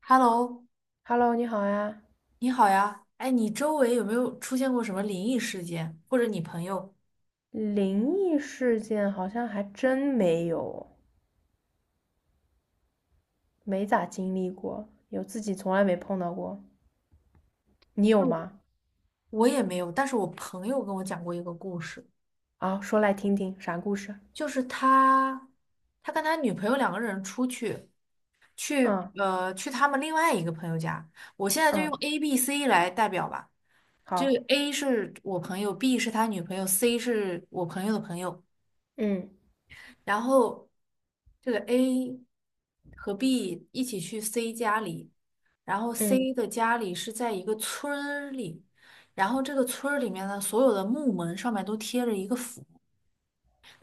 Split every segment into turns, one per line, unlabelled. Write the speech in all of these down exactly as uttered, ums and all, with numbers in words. Hello，
Hello，你好呀。
你好呀。哎，你周围有没有出现过什么灵异事件，或者你朋友？
灵异事件好像还真没有，没咋经历过，有自己从来没碰到过。你有
那我
吗？
我也没有，但是我朋友跟我讲过一个故事，
啊，说来听听，啥故事？
就是他，他跟他女朋友两个人出去，去
嗯
呃去他们另外一个朋友家。我现在就用
嗯，
A、B、C 来代表吧，就
好。
是 A 是我朋友，B 是他女朋友，C 是我朋友的朋友。
嗯
然后这个 A 和 B 一起去 C 家里，然后
嗯，
C 的家里是在一个村儿里，然后这个村儿里面的所有的木门上面都贴着一个符，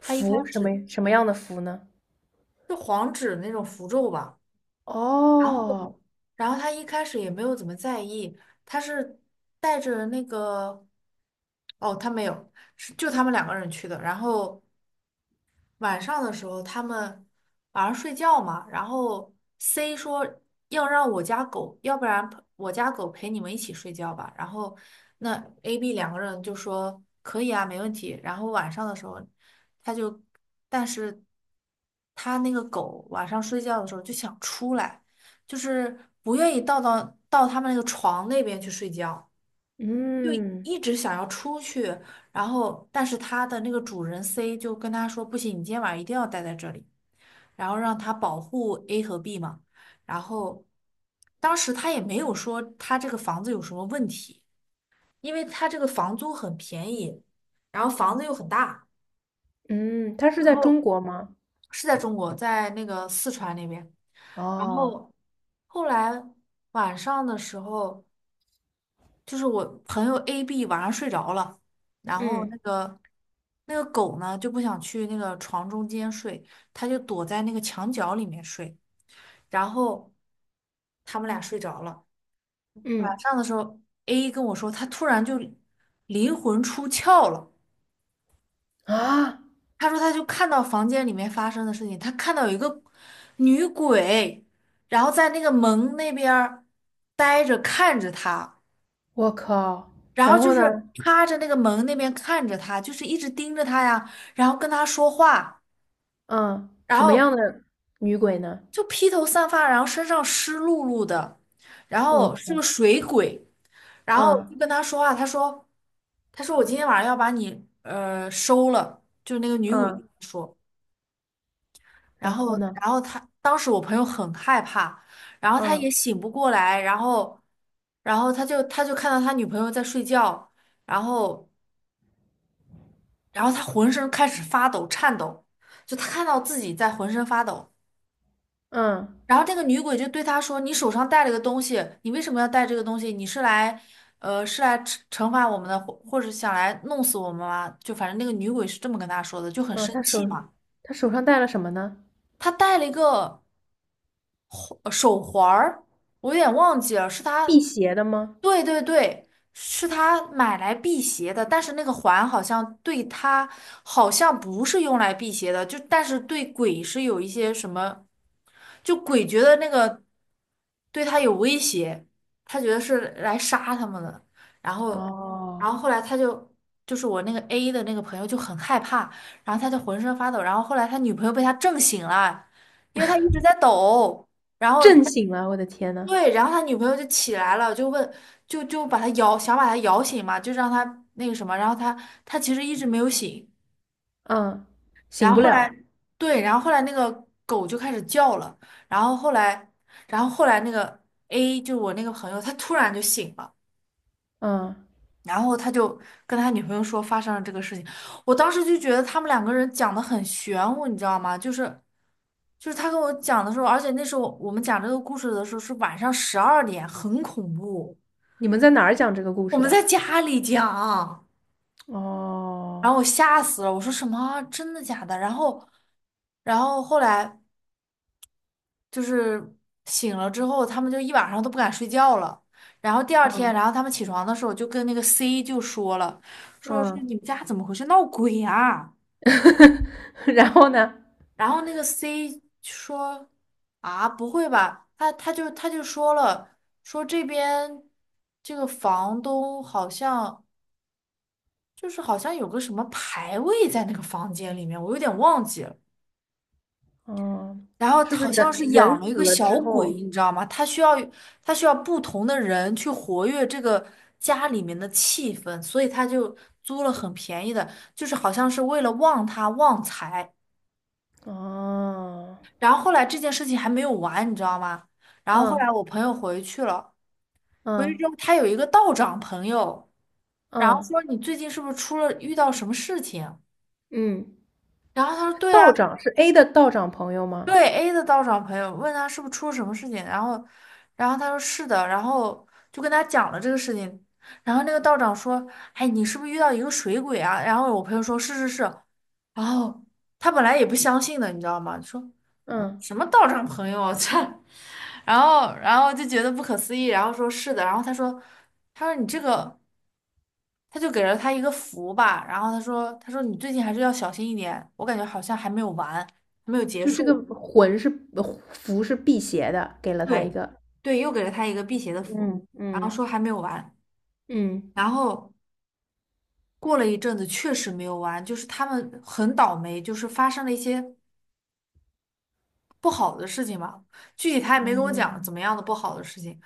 他一开
什么
始
什么样的符呢？
是黄纸那种符咒吧，然
哦。
后然后他一开始也没有怎么在意，他是带着那个，哦，他没有，是就他们两个人去的，然后。晚上的时候，他们晚上睡觉嘛，然后 C 说要让我家狗，要不然我家狗陪你们一起睡觉吧。然后那 A、B 两个人就说可以啊，没问题。然后晚上的时候，他就，但是他那个狗晚上睡觉的时候就想出来，就是不愿意到到到他们那个床那边去睡觉。就
嗯
一直想要出去，然后但是它的那个主人 C 就跟他说："不行，你今天晚上一定要待在这里。"然后让它保护 A 和 B 嘛。然后当时他也没有说他这个房子有什么问题，因为他这个房租很便宜，然后房子又很大，
嗯，它是
然
在
后
中国吗？
是在中国，在那个四川那边。然
哦。
后后来晚上的时候。就是我朋友 A、B 晚上睡着了，然后
嗯
那个那个狗呢就不想去那个床中间睡，它就躲在那个墙角里面睡。然后他们俩睡着了，晚
嗯，
上的时候，A 跟我说他突然就灵魂出窍了，
啊，
他说他就看到房间里面发生的事情，他看到有一个女鬼，然后在那个门那边儿呆着看着他。
我靠！
然后
然
就
后呢？
是趴着那个门那边看着他，就是一直盯着他呀，然后跟他说话，
嗯，
然
什么样
后
的女鬼呢？
就披头散发，然后身上湿漉漉的，然
我
后是个
靠！
水鬼，然后就
嗯
跟他说话，他说，他说我今天晚上要把你呃收了，就是那个女鬼跟
嗯，
他说，
然
然
后
后
呢？
然后他当时我朋友很害怕，然后他
嗯
也醒不过来，然后然后他就他就看到他女朋友在睡觉，然后。然后他浑身开始发抖、颤抖，就他看到自己在浑身发抖。
嗯
然后这个女鬼就对他说："你手上带了个东西，你为什么要带这个东西？你是来，呃，是来惩惩罚我们的，或或者想来弄死我们吗？"就反正那个女鬼是这么跟他说的，就很
嗯，
生
他
气
手
嘛。
他手上戴了什么呢？
他带了一个。呃手环儿，我有点忘记了，是
辟
他，
邪的吗？
对对对，是他买来辟邪的，但是那个环好像对他好像不是用来辟邪的，就但是对鬼是有一些什么，就鬼觉得那个对他有威胁，他觉得是来杀他们的，然后然
哦。
后后来他就。就是我那个 A 的那个朋友就很害怕，然后他就浑身发抖，然后后来他女朋友被他震醒了，因为他一直在抖。然后他
震醒了，我的天呐！
对，然后他女朋友就起来了，就问，就就把他摇，想把他摇醒嘛，就让他那个什么，然后他他其实一直没有醒，
嗯，
然
醒不
后后
了。
来，对，然后后来那个狗就开始叫了，然后后来，然后后来那个 A 就是我那个朋友，他突然就醒了。
嗯，
然后他就跟他女朋友说发生了这个事情，我当时就觉得他们两个人讲的很玄乎，你知道吗？就是就是他跟我讲的时候，而且那时候我们讲这个故事的时候是晚上十二点，很恐怖，
你们在哪儿讲这个故
我
事
们
的？
在家里讲，然
哦。
后我吓死了，我说什么啊真的假的？然后然后后来就是醒了之后，他们就一晚上都不敢睡觉了。然后第二天，
嗯
然后他们起床的时候就跟那个 C 就说了，说是
嗯，
你们家怎么回事，闹鬼啊？
然后呢？
然后那个 C 说啊，不会吧？他他就他就说了，说这边这个房东好像就是好像有个什么牌位在那个房间里面，我有点忘记了。
哦，
然后
是不是
好像
人
是
人
养了一
死
个
了
小
之
鬼，
后？
你知道吗？他需要他需要不同的人去活跃这个家里面的气氛，所以他就租了很便宜的，就是好像是为了旺他旺财。
哦。
然后后来这件事情还没有完，你知道吗？然后后
嗯
来我朋友回去了，回去
嗯
之后他有一个道长朋友，然后
嗯
说你最近是不是出了遇到什么事情？
嗯，
然后他说对啊，
道长是 A 的道长朋友吗？
对 A 的道长朋友问他是不是出了什么事情，然后，然后他说是的，然后就跟他讲了这个事情，然后那个道长说，哎，你是不是遇到一个水鬼啊？然后我朋友说是是是，然后他本来也不相信的，你知道吗？说，嗯，
嗯。
什么道上朋友啊这，然后然后就觉得不可思议，然后说是的，然后他说，他说，你这个，他就给了他一个符吧，然后他说，他说你最近还是要小心一点，我感觉好像还没有完，还没有结
就这
束，
个魂是呃符是辟邪的，给了他一
对，
个。
对，又给了他一个辟邪的符，
嗯
然后
嗯
说还没有完，
嗯。
然后过了一阵子确实没有完，就是他们很倒霉，就是发生了一些。不好的事情吧，具体他也没跟我讲
嗯，
怎么样的不好的事情。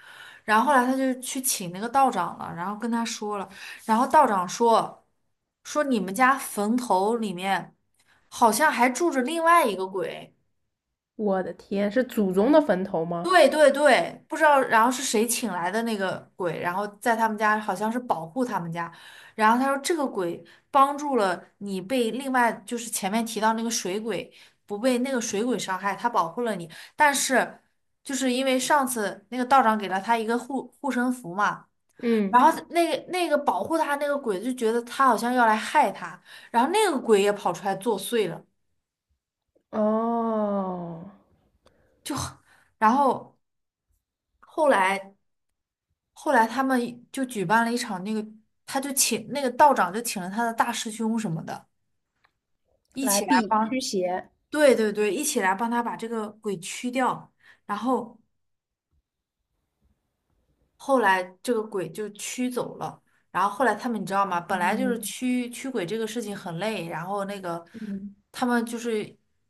然后后来他就去请那个道长了，然后跟他说了，然后道长说说你们家坟头里面好像还住着另外一个鬼。
我的天，是祖宗的坟头吗？
对对对，不知道，然后是谁请来的那个鬼，然后在他们家好像是保护他们家，然后他说这个鬼帮助了你被另外就是前面提到那个水鬼不被那个水鬼伤害，他保护了你，但是就是因为上次那个道长给了他一个护护身符嘛，然
嗯。
后那个那个保护他那个鬼就觉得他好像要来害他，然后那个鬼也跑出来作祟了，
哦，
就然后后来。后来他们就举办了一场那个，他就请那个道长就请了他的大师兄什么的，一
来
起来
避驱
帮，
邪。
对对对，一起来帮他把这个鬼驱掉。然后后来这个鬼就驱走了。然后后来他们你知道吗？本来就是
嗯
驱驱鬼这个事情很累，然后那个
嗯
他们就是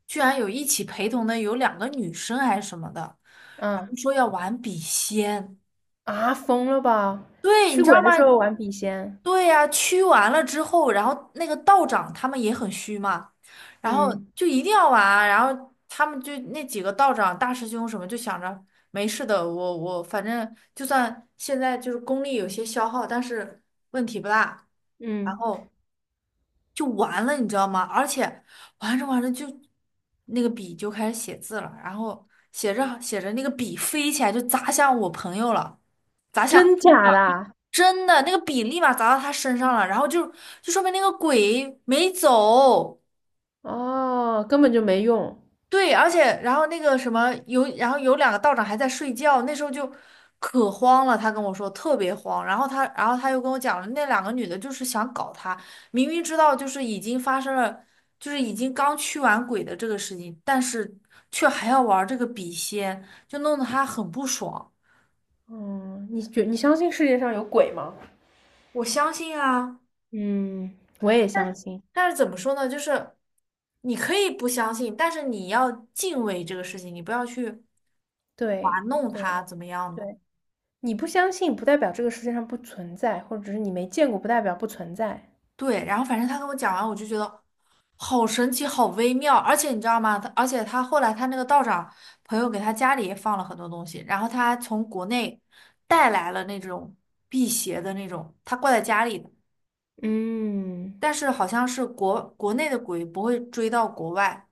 居然有一起陪同的有两个女生还是什么的，然后
嗯，
说要玩笔仙。
啊，疯了吧？
对，你
驱
知
鬼
道吗？
的时候玩笔仙。
对呀、驱完了之后，然后那个道长他们也很虚嘛，然后
嗯
就一定要玩啊然后他们就那几个道长、大师兄什么就想着没事的，我我反正就算现在就是功力有些消耗，但是问题不大，然
嗯，
后就完了，你知道吗？而且玩着玩着就那个笔就开始写字了，然后写着写着那个笔飞起来就砸向我朋友了，砸向
真
A
假
了。
的？
真的，那个笔立马砸到他身上了，然后就就说明那个鬼没走。
哦，根本就没用。
对，而且然后那个什么有，然后有两个道长还在睡觉，那时候就可慌了。他跟我说特别慌，然后他然后他又跟我讲了，那两个女的就是想搞他，明明知道就是已经发生了，就是已经刚驱完鬼的这个事情，但是却还要玩这个笔仙，就弄得他很不爽。
嗯，你觉你相信世界上有鬼吗？
我相信啊。
嗯，我也
但
相信。
但是怎么说呢？就是你可以不相信，但是你要敬畏这个事情，你不要去
对，
玩弄
对，
它，怎么样的？
对，你不相信，不代表这个世界上不存在，或者只是你没见过，不代表不存在。
对，然后反正他跟我讲完，我就觉得好神奇，好微妙。而且你知道吗？他而且他后来他那个道长朋友给他家里也放了很多东西，然后他还从国内带来了那种辟邪的那种，他挂在家里的，
嗯。
但是好像是国国内的鬼不会追到国外。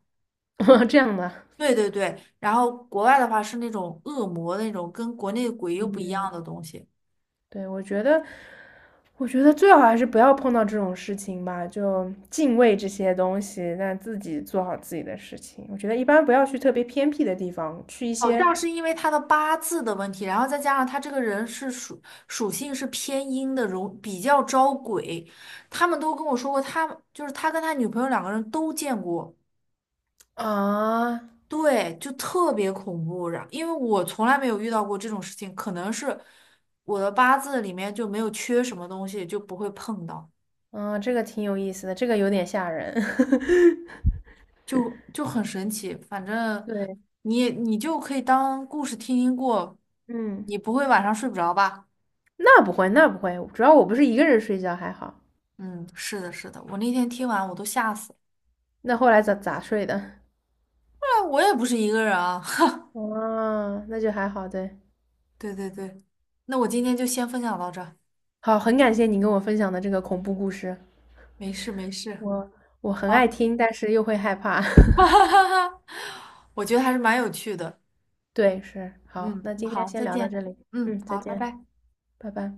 这样的。
对对对，然后国外的话是那种恶魔那种，跟国内鬼又不一样
嗯，
的东西。
对，我觉得，我觉得最好还是不要碰到这种事情吧，就敬畏这些东西，那自己做好自己的事情。我觉得一般不要去特别偏僻的地方，去一
好像
些
是因为他的八字的问题，然后再加上他这个人是属属性是偏阴的，容比较招鬼。他们都跟我说过，他就是他跟他女朋友两个人都见过，
啊。
对，就特别恐怖。然因为我从来没有遇到过这种事情，可能是我的八字里面就没有缺什么东西，就不会碰到。
嗯，这个挺有意思的，这个有点吓人。
就就很神奇。反正
对，
你你就可以当故事听听过，
嗯，
你不会晚上睡不着吧？
那不会，那不会，主要我不是一个人睡觉，还好。
嗯，是的，是的，我那天听完我都吓死了。
那后来咋咋睡的？
那我也不是一个人啊，
哦，那就还好，对。
对对对，那我今天就先分享到这儿
好，很感谢你跟我分享的这个恐怖故事，
没事没事，
我我很爱
好，
听，但是又会害怕。
哈哈哈哈，我觉得还是蛮有趣的。
对，是，好，
嗯，
那
那
今天
好，
先
再
聊到这
见。
里。
嗯，
嗯，再
好，拜
见，
拜。
拜拜。